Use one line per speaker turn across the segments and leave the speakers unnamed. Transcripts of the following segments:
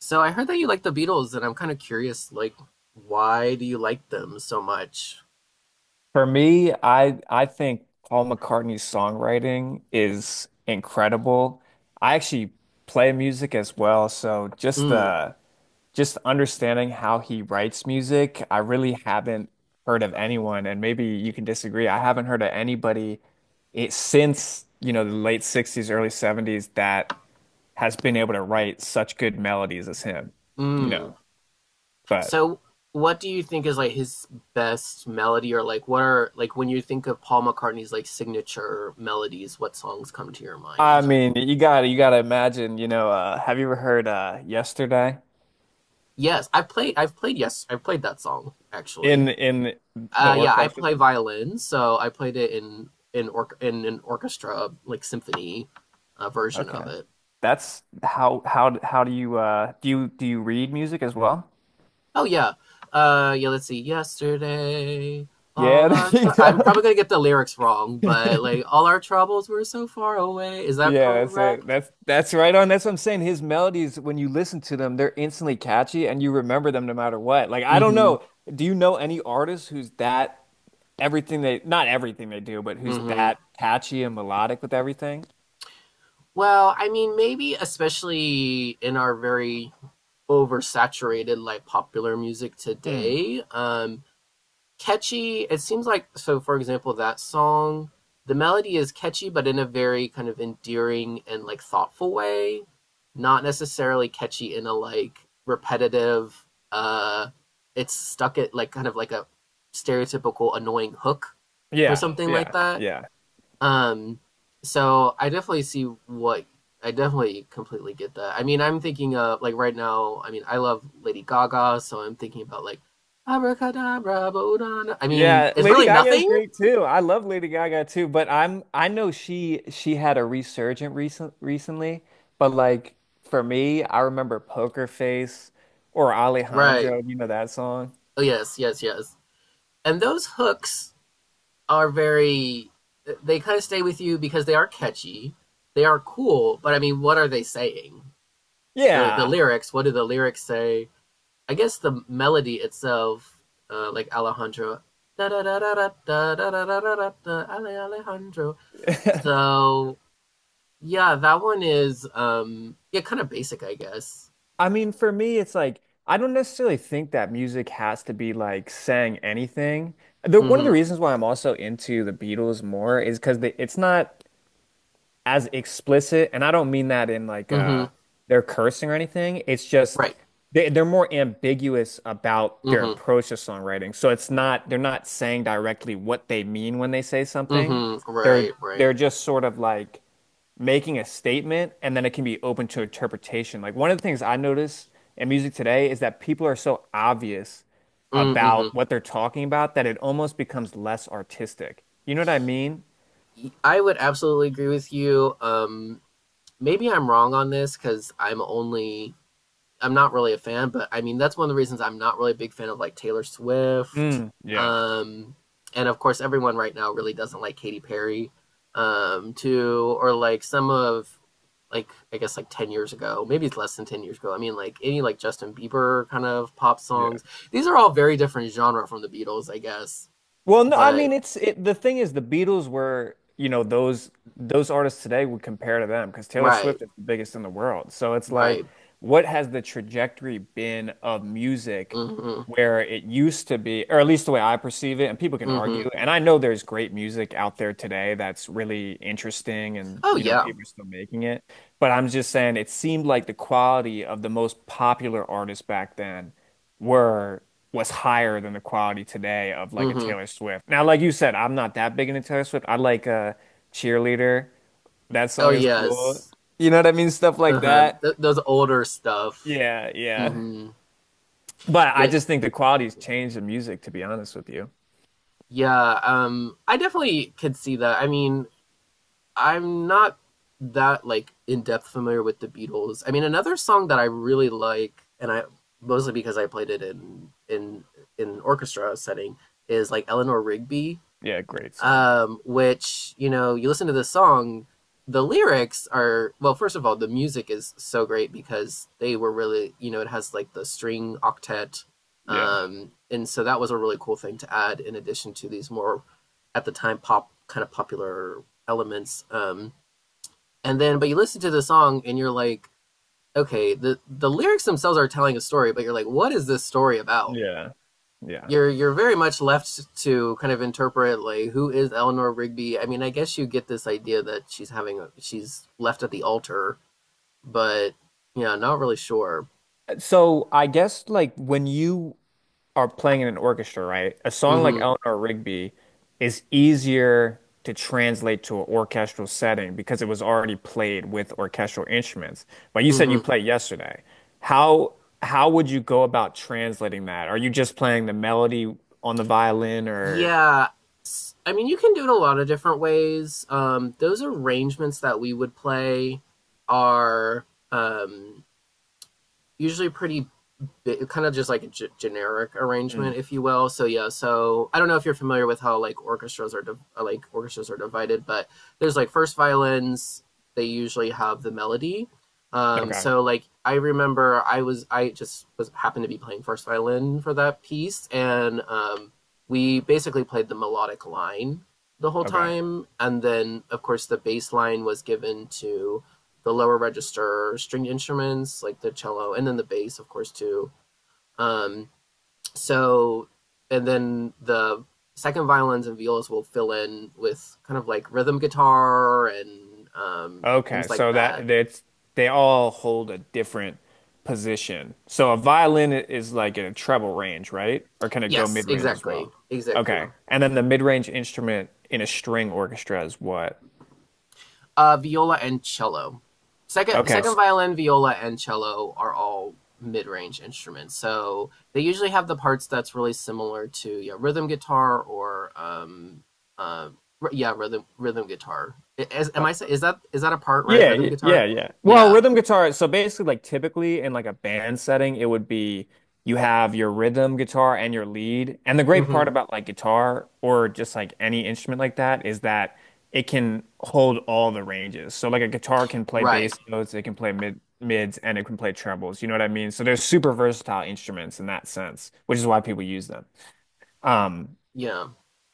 So I heard that you like the Beatles, and I'm kind of curious, like, why do you like them so much?
For me, I think Paul McCartney's songwriting is incredible. I actually play music as well, so just
Mm,
uh just understanding how he writes music, I really haven't heard of anyone, and maybe you can disagree. I haven't heard of anybody it since, the late 60s, early 70s that has been able to write such good melodies as him, you
mm.
know. But
So what do you think is like his best melody, or like what are like when you think of Paul McCartney's like signature melodies, what songs come to your
I
mind?
mean, you gotta imagine, have you ever heard Yesterday?
Yes, I've played, yes, I've played that song actually.
In the
Yeah, I
orchestra
play
thing.
violin, so I played it in an orchestra like symphony version
Okay.
of it.
That's how do you do you read music as well?
Oh yeah. Yeah, let's see. Yesterday.
Yeah, there you
I'm
go.
probably going to get the lyrics wrong, but like all our troubles were so far away. Is that
Yeah, that's
correct?
it. That's right on. That's what I'm saying. His melodies, when you listen to them, they're instantly catchy and you remember them no matter what. Like I don't
Mhm.
know. Do you know any artist who's that everything they not everything they do, but who's
Mhm.
that catchy and melodic with everything?
Well, I mean maybe especially in our very oversaturated like popular music
Mm.
today, catchy. It seems like so. For example, that song, the melody is catchy, but in a very kind of endearing and like thoughtful way. Not necessarily catchy in a like repetitive. uh It's stuck at like kind of like a stereotypical annoying hook or
Yeah,
something like
yeah,
that.
yeah.
Um, so I definitely see what I definitely completely get that. I mean, I'm thinking of like right now. I mean, I love Lady Gaga, so I'm thinking about like abracadabra, bodana. I mean,
Yeah,
it's
Lady
really
Gaga is
nothing,
great too. I love Lady Gaga too, but I know she had a resurgent recent recently, but like for me, I remember Poker Face or
right?
Alejandro, you know that song?
Oh yes, yes, yes. And those hooks are very. They kind of stay with you because they are catchy, they are cool. But I mean, what are they saying? Really, the
Yeah.
lyrics. What do the lyrics say? I guess the melody itself, like Alejandro, da da da da da da da da da da Alejandro. So yeah, that one is yeah, kind of basic, I guess.
I mean, for me it's like I don't necessarily think that music has to be like saying anything. The, one of the
Mm-hmm.
reasons why I'm also into the Beatles more is because it's not as explicit, and I don't mean that in like
Mm-hmm.
they're cursing or anything. It's just
Right.
they're more ambiguous about their
Mm-hmm.
approach to songwriting. So it's not they're not saying directly what they mean when they say something.
Mm-hmm.
They're
Right. Right.
they're just sort of like making a statement and then it can be open to interpretation. Like one of the things I notice in music today is that people are so obvious
Mm, mm-hmm.
about what they're talking about that it almost becomes less artistic. You know what I mean?
I would absolutely agree with you. Maybe I'm wrong on this because I'm not really a fan, but I mean that's one of the reasons I'm not really a big fan of like Taylor Swift.
Mm, yeah.
Um, and of course everyone right now really doesn't like Katy Perry, too, or like some of like I guess like 10 years ago, maybe it's less than 10 years ago. I mean like any like Justin Bieber kind of pop songs. These are all very different genre from the Beatles, I guess.
Well, no, I
But
mean the thing is the Beatles were, you know, those artists today would compare to them because Taylor
right,
Swift is the biggest in the world. So it's
right.
like, what has the trajectory been of music
Mhm.
where it used to be, or at least the way I perceive it, and people can
Mhm.
argue, and I know there's great music out there today that's really interesting and,
Oh
you know,
yeah.
people are still making it, but I'm just saying it seemed like the quality of the most popular artists back then were was higher than the quality today of like a
Mhm.
Taylor Swift. Now, like you said, I'm not that big into Taylor Swift. I like Cheerleader. That
Oh
song is cool.
yes.
You know what I mean? Stuff like
Uh-huh.
that.
Those older stuff.
Yeah, yeah.
Mhm.
But I
Yeah,
just think the quality's changed in music, to be honest with you.
yeah, I definitely could see that. I mean, I'm not that like in depth familiar with the Beatles. I mean, another song that I really like, and I mostly because I played it in orchestra setting, is like Eleanor Rigby,
Yeah, great song.
which you listen to the song, the lyrics are, well, first of all, the music is so great because they were really, it has like the string octet,
Yeah.
and so that was a really cool thing to add in addition to these more at the time pop kind of popular elements, and then but you listen to the song and you're like, okay, the lyrics themselves are telling a story, but you're like, what is this story about?
Yeah. Yeah.
You're very much left to kind of interpret like who is Eleanor Rigby. I mean, I guess you get this idea that she's left at the altar, but yeah, not really sure.
So I guess like when you are playing in an orchestra, right? A song like
Mm-hmm.
Eleanor Rigby is easier to translate to an orchestral setting because it was already played with orchestral instruments. But you said you
Mm-hmm.
played yesterday. How how would you go about translating that? Are you just playing the melody on the violin or
Yeah. I mean, you can do it a lot of different ways. Those arrangements that we would play are, um, usually pretty bit, kind of just like a generic
Mm.
arrangement, if you will. So yeah, so I don't know if you're familiar with how like orchestras are divided, but there's like first violins. They usually have the melody.
okay,
So like I remember I just was happened to be playing first violin for that piece, and we basically played the melodic line the whole
okay.
time, and then of course the bass line was given to the lower register stringed instruments like the cello and then the bass of course um, so, and then the second violins and violas will fill in with kind of like rhythm guitar and,
Okay,
things like
so
that.
that's they all hold a different position. So a violin is like in a treble range, right? Or can it go
Yes,
mid-range as
exactly,
well?
exactly.
Okay. And then the mid-range instrument in a string orchestra is what?
Viola and cello. Second,
Okay.
second violin, viola, and cello are all mid-range instruments. So they usually have the parts that's really similar to, yeah, rhythm guitar or, uh, yeah, rhythm guitar. I- Is, am I say- Is that a part, right?
Yeah,
Rhythm guitar.
yeah, yeah. Well,
Yeah.
rhythm guitar, so basically like typically in like a band setting, it would be you have your rhythm guitar and your lead. And the great part
Hmm.
about like guitar or just like any instrument like that is that it can hold all the ranges. So like a guitar can play
Right.
bass notes, it can play mid mids, and it can play trebles. You know what I mean? So they're super versatile instruments in that sense, which is why people use them. Um,
Yeah.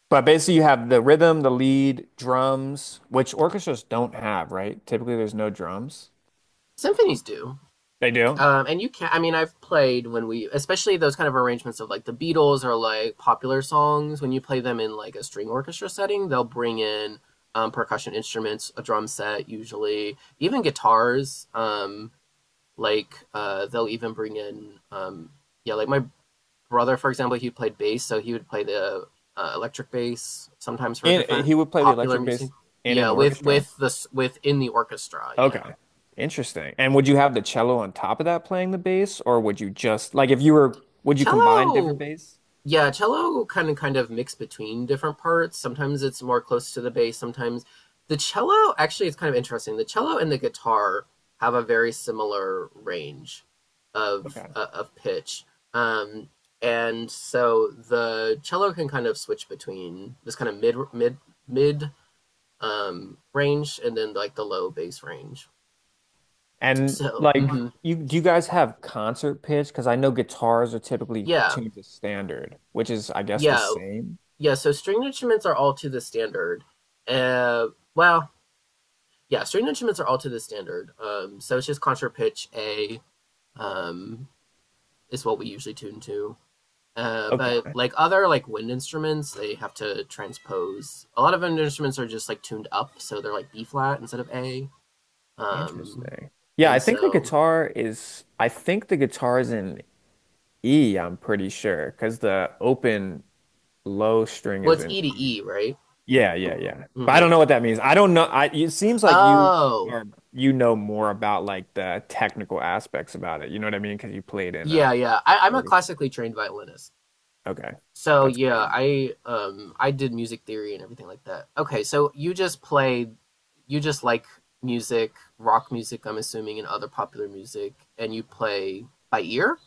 but basically, you have the rhythm, the lead, drums, which orchestras don't have, right? Typically, there's no drums.
Symphonies do.
They do?
And you can, I mean, I've played when we, especially those kind of arrangements of like the Beatles or like popular songs, when you play them in like a string orchestra setting, they'll bring in, percussion instruments, a drum set, usually, even guitars. Like, they'll even bring in, yeah, like my brother, for example, he played bass, so he would play the electric bass sometimes for
And
different
he would play the
popular
electric
music.
bass in an
Yeah, with
orchestra?
with within the orchestra. Yeah.
Okay. Interesting. And would you have the cello on top of that playing the bass, or would you just like if you were would you combine different
Cello,
bass?
yeah, cello kind of mixed between different parts. Sometimes it's more close to the bass. Sometimes the cello actually, it's kind of interesting. The cello and the guitar have a very similar range of
Okay.
uh, of pitch, um, and so the cello can kind of switch between this kind of mid range, and then like the low bass range.
And
So,
like
mhm.
you do you guys have concert pitch? Because I know guitars are typically
Yeah,
tuned to standard, which is I guess the
yeah.
same.
Yeah, so stringed instruments are all to the standard. Uh, well, yeah, stringed instruments are all to the standard. So it's just contra pitch A, um, is what we usually tune to.
Okay.
But like other like wind instruments, they have to transpose. A lot of wind instruments are just like tuned up, so they're like B flat instead of A. Um,
Interesting. Yeah,
and so,
I think the guitar is in E, I'm pretty sure, because the open low string
well,
is
it's
in
E to
E.
E, right?
Yeah, yeah, yeah. But I
Hmm.
don't know what that means. I don't know. I it seems like you
Oh,
are you know more about like the technical aspects about it. You know what I mean? Because you played in a
yeah, yeah. I'm a
orchestra.
classically trained violinist.
Okay.
So
That's
yeah,
crazy.
I did music theory and everything like that. Okay, so you just like music, rock music, I'm assuming, and other popular music, and you play by ear?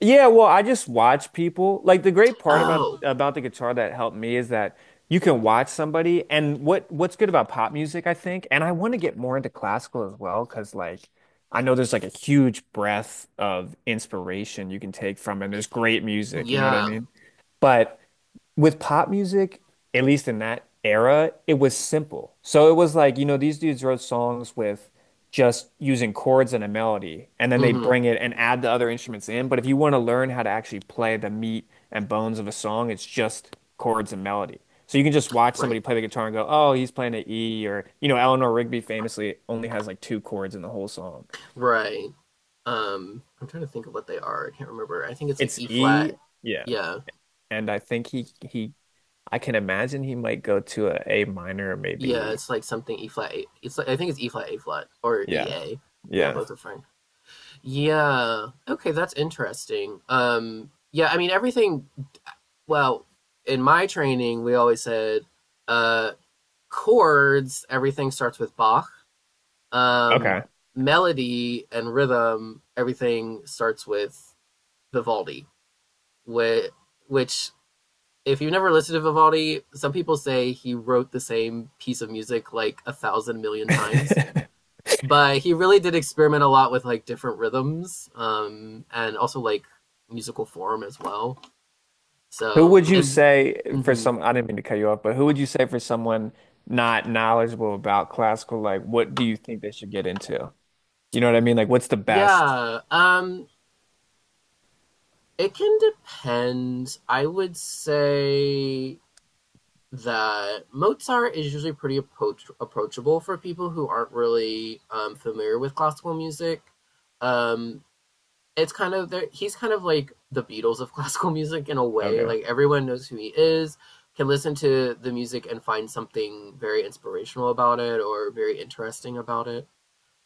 Yeah, well, I just watch people. Like the great part about
Oh,
the guitar that helped me is that you can watch somebody and what's good about pop music, I think, and I want to get more into classical as well, because like I know there's like a huge breadth of inspiration you can take from and there's great music, you know what I
yeah.
mean? But with pop music, at least in that era, it was simple. So it was like, you know, these dudes wrote songs with just using chords and a melody, and then they'd
Mm-hmm.
bring it and add the other instruments in. But if you want to learn how to actually play the meat and bones of a song, it's just chords and melody. So you can just watch
Right.
somebody play the guitar and go, oh, he's playing an E, or, you know, Eleanor Rigby famously only has like two chords in the whole song.
Right. I'm trying to think of what they are. I can't remember. I think it's like
It's
E flat.
E, yeah.
Yeah.
And I think I can imagine he might go to a A minor,
Yeah,
maybe.
it's like something E flat. It's like I think it's E flat A flat or E
Yeah.
A. Yeah,
Yeah.
both are fine. Yeah. Okay, that's interesting. Yeah, I mean everything well, in my training, we always said, uh, chords, everything starts with Bach. Um,
Okay.
melody and rhythm, everything starts with Vivaldi, which, which, if you've never listened to Vivaldi, some people say he wrote the same piece of music like a thousand million times. But he really did experiment a lot with like different rhythms, and also like musical form as well.
Who
So,
would you
and,
say for
mhm.
some, I didn't mean to cut you off, but who would you say for someone not knowledgeable about classical, like what do you think they should get into? You know what I mean? Like what's the best?
Yeah, it can depend. I would say that Mozart is usually pretty approachable for people who aren't really, familiar with classical music. Um, it's kind of there. He's kind of like the Beatles of classical music in a way.
Okay.
Like everyone knows who he is, can listen to the music and find something very inspirational about it or very interesting about it.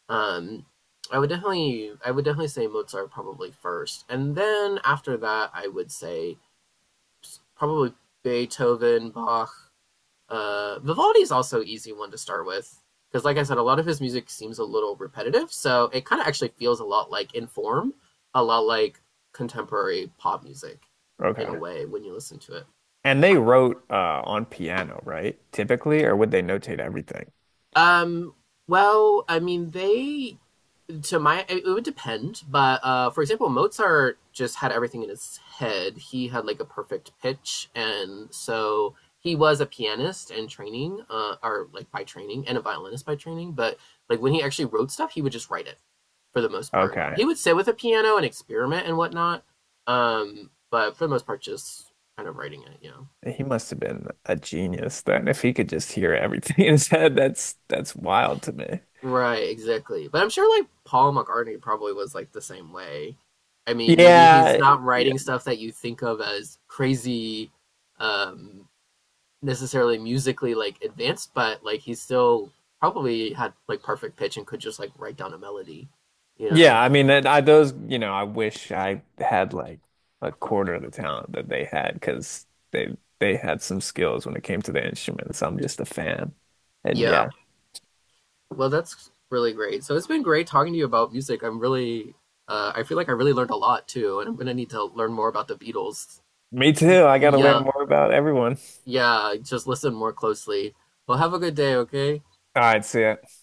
Um, I would definitely say Mozart probably first, and then after that, I would say probably Beethoven, Bach. Vivaldi is also an easy one to start with because, like I said, a lot of his music seems a little repetitive. So it kind of actually feels a lot like in form, a lot like contemporary pop music in a
Okay.
way when you listen to it.
And they wrote on piano, right? Typically, or would they notate everything?
Um, well, I mean, they, to my, it would depend, but, for example, Mozart just had everything in his head. He had like a perfect pitch, and so he was a pianist and training, or like by training, and a violinist by training, but like when he actually wrote stuff, he would just write it. For the most part,
Okay.
he would sit with a piano and experiment and whatnot, but for the most part, just kind of writing it.
He must have been a genius then if he could just hear everything in his head. That's wild to me.
Right, exactly. But I'm sure like Paul McCartney probably was like the same way. I mean, maybe he's
Yeah.
not writing stuff that you think of as crazy, um, necessarily musically like advanced, but like he still probably had like perfect pitch and could just like write down a melody, you
Yeah,
know?
I mean, that I those, you know, I wish I had like a quarter of the talent that they had because they had some skills when it came to the instruments. I'm just a fan. And
Yeah.
yeah,
Well, that's really great. So it's been great talking to you about music. I feel like I really learned a lot too, and I'm gonna need to learn more about the Beatles.
me too. I got to
Yeah,
learn more about everyone.
yeah, just listen more closely. Well, have a good day, okay?
All right, see ya.